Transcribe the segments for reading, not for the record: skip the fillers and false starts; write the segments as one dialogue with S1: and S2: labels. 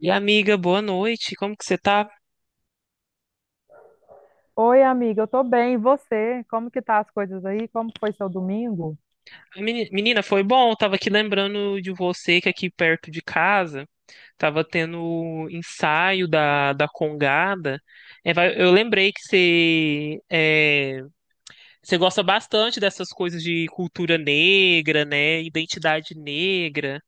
S1: E amiga, boa noite. Como que você tá?
S2: Oi, amiga, eu tô bem. E você? Como que tá as coisas aí? Como foi seu domingo?
S1: Menina, foi bom. Eu tava aqui lembrando de você que aqui perto de casa tava tendo o ensaio da Congada. Eu lembrei que você, você gosta bastante dessas coisas de cultura negra, né? Identidade negra.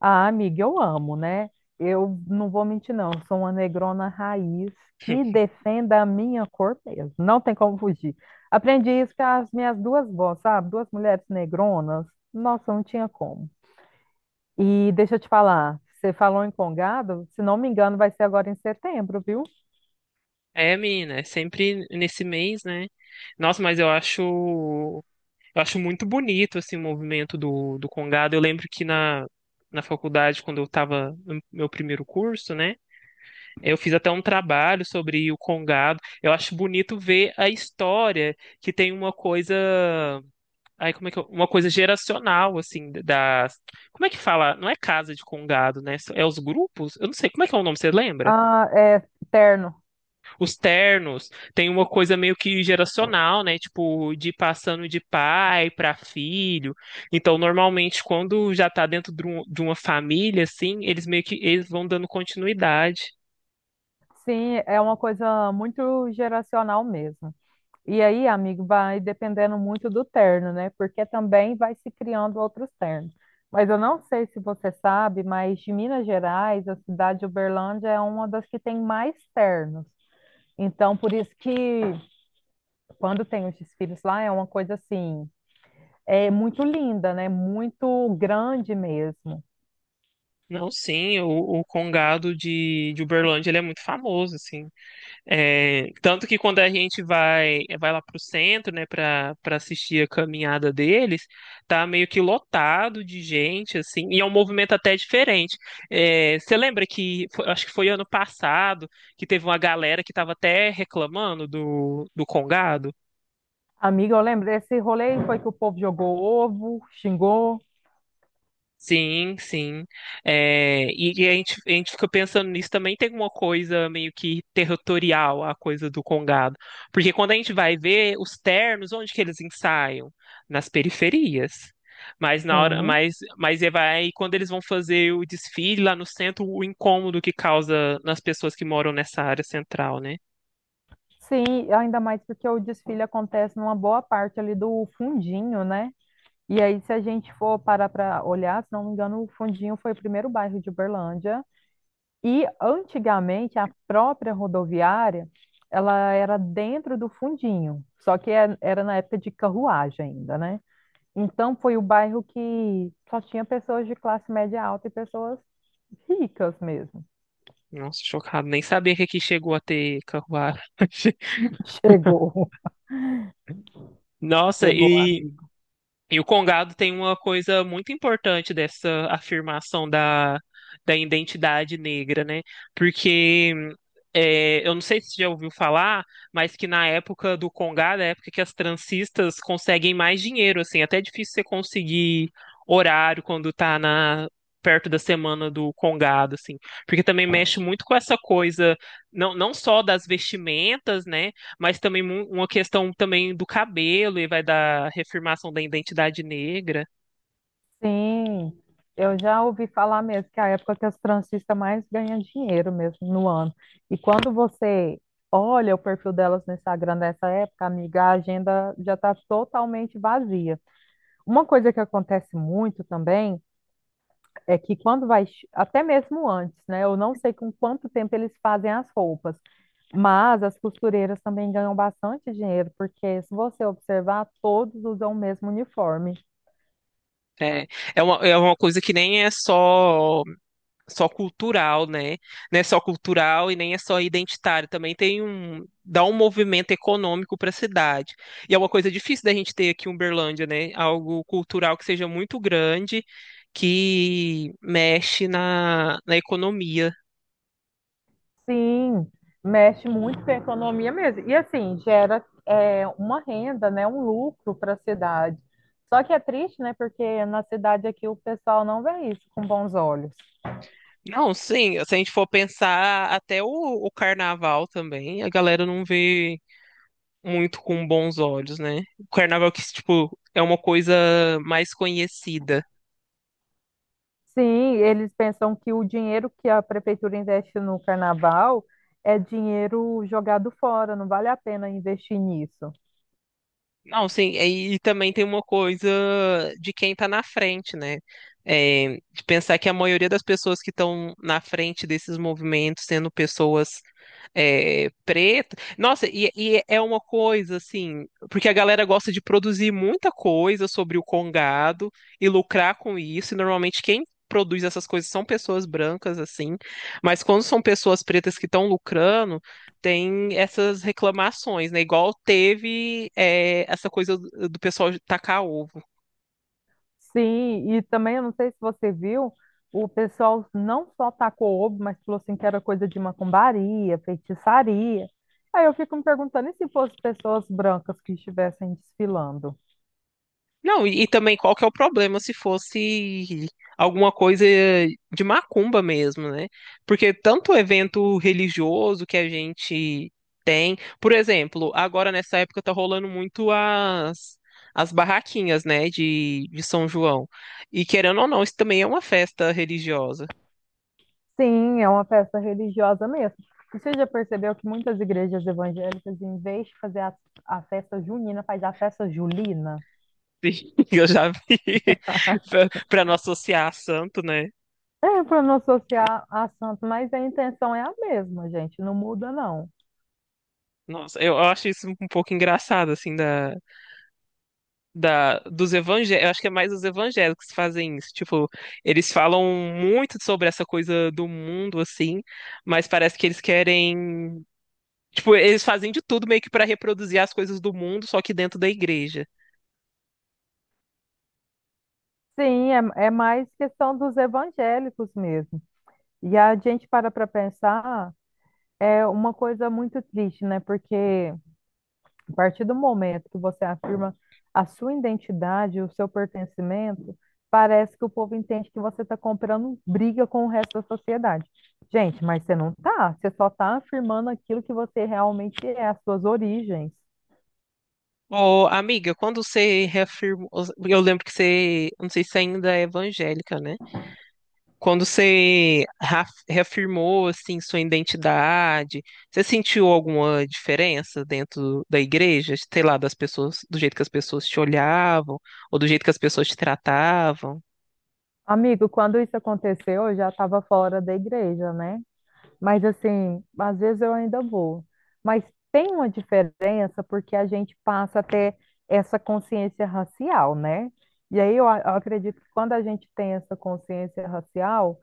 S2: Ah, amiga, eu amo, né? Eu não vou mentir, não. Eu sou uma negrona raiz que defenda a minha cor mesmo. Não tem como fugir. Aprendi isso com as minhas duas vós, sabe? Duas mulheres negronas. Nossa, não tinha como. E deixa eu te falar, você falou em congado, se não me engano, vai ser agora em setembro, viu?
S1: É, menina, é sempre nesse mês, né? Nossa, mas eu acho muito bonito, assim, o movimento do congado. Eu lembro que na faculdade, quando eu estava no meu primeiro curso, né? Eu fiz até um trabalho sobre o congado. Eu acho bonito ver a história, que tem uma coisa... Ai, como é que eu- uma coisa geracional, assim, da... Como é que fala? Não é casa de congado, né? É os grupos? Eu não sei. Como é que é o nome, você lembra?
S2: Ah, é terno.
S1: Os ternos, tem uma coisa meio que geracional, né? Tipo, de ir passando de pai para filho. Então, normalmente, quando já tá dentro de de uma família, assim, eles meio que eles vão dando continuidade.
S2: Sim, é uma coisa muito geracional mesmo. E aí, amigo, vai dependendo muito do terno, né? Porque também vai se criando outros ternos. Mas eu não sei se você sabe, mas de Minas Gerais, a cidade de Uberlândia é uma das que tem mais ternos. Então, por isso que quando tem os desfiles lá, é uma coisa assim, é muito linda, né? Muito grande mesmo.
S1: Não, sim, o Congado de Uberlândia, ele é muito famoso, assim. É, tanto que quando a gente vai lá pro centro, né, para assistir a caminhada deles, tá meio que lotado de gente assim, e é um movimento até diferente. É, você lembra que foi- Acho que foi ano passado que teve uma galera que estava até reclamando do Congado?
S2: Amiga, eu lembro, esse rolê foi que o povo jogou ovo, xingou.
S1: Sim, sim. É, e a gente fica pensando nisso também, tem uma coisa meio que territorial, a coisa do Congado. Porque quando a gente vai ver os ternos, onde que eles ensaiam? Nas periferias. Mas na hora,
S2: Sim.
S1: mas e vai, Quando eles vão fazer o desfile lá no centro, o incômodo que causa nas pessoas que moram nessa área central, né?
S2: Sim, ainda mais porque o desfile acontece numa boa parte ali do fundinho, né? E aí, se a gente for parar para olhar, se não me engano, o Fundinho foi o primeiro bairro de Uberlândia. E antigamente a própria rodoviária, ela era dentro do Fundinho, só que era na época de carruagem ainda, né? Então foi o bairro que só tinha pessoas de classe média alta e pessoas ricas mesmo.
S1: Nossa, chocado. Nem sabia que aqui chegou a ter carruagem.
S2: Chegou.
S1: Nossa,
S2: Chegou,
S1: e
S2: amigo.
S1: E o Congado tem uma coisa muito importante dessa afirmação da identidade negra, né? Porque eu não sei se você já ouviu falar, mas que na época do Congado, é a época que as transistas conseguem mais dinheiro, assim, até é difícil você conseguir horário quando tá na perto da semana do Congado, assim, porque também mexe muito com essa coisa, não só das vestimentas, né? Mas também uma questão também do cabelo e vai da reafirmação da identidade negra.
S2: Sim, eu já ouvi falar mesmo que é a época que as transistas mais ganham dinheiro mesmo no ano. E quando você olha o perfil delas no Instagram nessa época, amiga, a agenda já está totalmente vazia. Uma coisa que acontece muito também é que quando vai, até mesmo antes, né? Eu não sei com quanto tempo eles fazem as roupas, mas as costureiras também ganham bastante dinheiro, porque se você observar, todos usam o mesmo uniforme.
S1: É, é uma coisa que nem é só cultural, né? Não é só cultural e nem é só identitário. Também tem um dá um movimento econômico para a cidade. E é uma coisa difícil da gente ter aqui em Uberlândia, né? Algo cultural que seja muito grande, que mexe na economia.
S2: Sim, mexe muito com a economia mesmo. E assim, uma renda, né, um lucro para a cidade. Só que é triste, né, porque na cidade aqui o pessoal não vê isso com bons olhos.
S1: Não, sim, se a gente for pensar até o carnaval também, a galera não vê muito com bons olhos, né? O carnaval que, tipo, é uma coisa mais conhecida.
S2: Sim, eles pensam que o dinheiro que a prefeitura investe no carnaval é dinheiro jogado fora, não vale a pena investir nisso.
S1: Não, sim, e também tem uma coisa de quem tá na frente, né? É, de pensar que a maioria das pessoas que estão na frente desses movimentos, sendo pessoas preta. Nossa, e é uma coisa assim, porque a galera gosta de produzir muita coisa sobre o Congado e lucrar com isso, e normalmente quem produz essas coisas são pessoas brancas, assim, mas quando são pessoas pretas que estão lucrando, tem essas reclamações, né? Igual teve essa coisa do pessoal tacar ovo.
S2: Sim, e também eu não sei se você viu, o pessoal não só tacou ovo, mas falou assim que era coisa de macumbaria, feitiçaria. Aí eu fico me perguntando, e se fossem pessoas brancas que estivessem desfilando?
S1: Não, e também qual que é o problema se fosse alguma coisa de macumba mesmo, né? Porque tanto evento religioso que a gente tem, por exemplo, agora nessa época tá rolando muito as as barraquinhas, né, de São João. E querendo ou não, isso também é uma festa religiosa.
S2: Sim, é uma festa religiosa mesmo. E você já percebeu que muitas igrejas evangélicas, em vez de fazer a festa junina, faz a festa julina?
S1: Sim, eu já vi para não associar a santo, né?
S2: É, para não associar a santo, mas a intenção é a mesma, gente, não muda não.
S1: Nossa, eu acho isso um pouco engraçado assim dos evangélicos, eu acho que é mais os evangélicos que fazem isso. Tipo, eles falam muito sobre essa coisa do mundo, assim, mas parece que eles querem. Tipo, eles fazem de tudo meio que para reproduzir as coisas do mundo, só que dentro da igreja.
S2: Sim, é, é mais questão dos evangélicos mesmo. E a gente para para pensar, é uma coisa muito triste, né? Porque a partir do momento que você afirma a sua identidade, o seu pertencimento, parece que o povo entende que você está comprando briga com o resto da sociedade. Gente, mas você não tá, você só está afirmando aquilo que você realmente é, as suas origens.
S1: Ô, amiga, quando você reafirmou. Eu lembro que você. Não sei se ainda é evangélica, né? Quando você reafirmou assim sua identidade, você sentiu alguma diferença dentro da igreja, sei lá, das pessoas, do jeito que as pessoas te olhavam ou do jeito que as pessoas te tratavam?
S2: Amigo, quando isso aconteceu, eu já estava fora da igreja, né? Mas assim, às vezes eu ainda vou. Mas tem uma diferença porque a gente passa a ter essa consciência racial, né? E aí eu acredito que quando a gente tem essa consciência racial,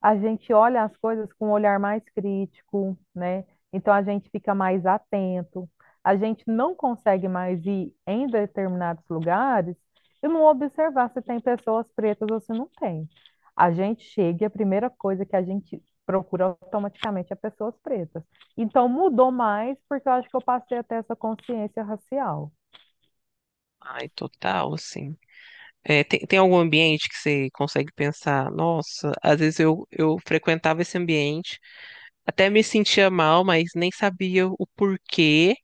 S2: a gente olha as coisas com um olhar mais crítico, né? Então a gente fica mais atento. A gente não consegue mais ir em determinados lugares e não observar se tem pessoas pretas ou se não tem. A gente chega e a primeira coisa que a gente procura automaticamente é pessoas pretas. Então mudou mais porque eu acho que eu passei até essa consciência racial.
S1: Ai, total, assim. É, tem algum ambiente que você consegue pensar, nossa, às vezes eu frequentava esse ambiente, até me sentia mal, mas nem sabia o porquê.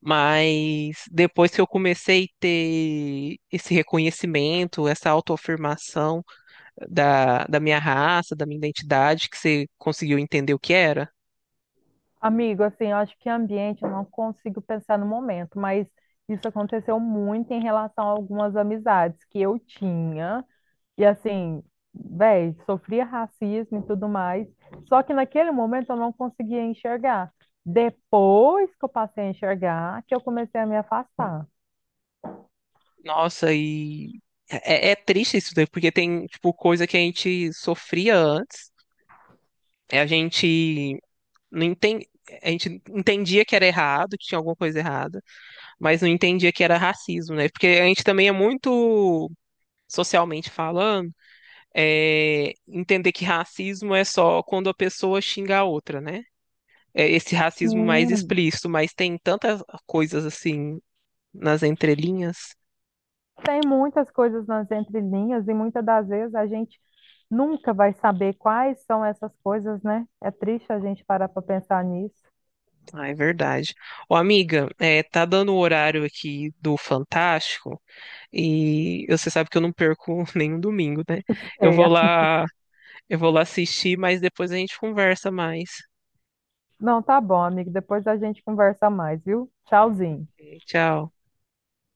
S1: Mas depois que eu comecei a ter esse reconhecimento, essa autoafirmação da minha raça, da minha identidade, que você conseguiu entender o que era,
S2: Amigo, assim, eu acho que ambiente eu não consigo pensar no momento, mas isso aconteceu muito em relação a algumas amizades que eu tinha, e assim, véi, sofria racismo e tudo mais, só que naquele momento eu não conseguia enxergar. Depois que eu passei a enxergar, que eu comecei a me afastar.
S1: nossa, e é, é triste isso daí, porque tem, tipo, coisa que a gente sofria antes, é a gente não entende. A gente entendia que era errado, que tinha alguma coisa errada, mas não entendia que era racismo, né? Porque a gente também é muito socialmente falando entender que racismo é só quando a pessoa xinga a outra, né? É esse racismo mais
S2: Sim.
S1: explícito, mas tem tantas coisas assim nas entrelinhas.
S2: Tem muitas coisas nas entrelinhas, e muitas das vezes a gente nunca vai saber quais são essas coisas, né? É triste a gente parar para pensar nisso.
S1: Ah, é verdade. Ô, amiga, é, tá dando o horário aqui do Fantástico e você sabe que eu não perco nenhum domingo, né? Eu vou lá, eu vou lá assistir, mas depois a gente conversa mais.
S2: Não, tá bom, amigo. Depois a gente conversa mais, viu? Tchauzinho.
S1: É, tchau.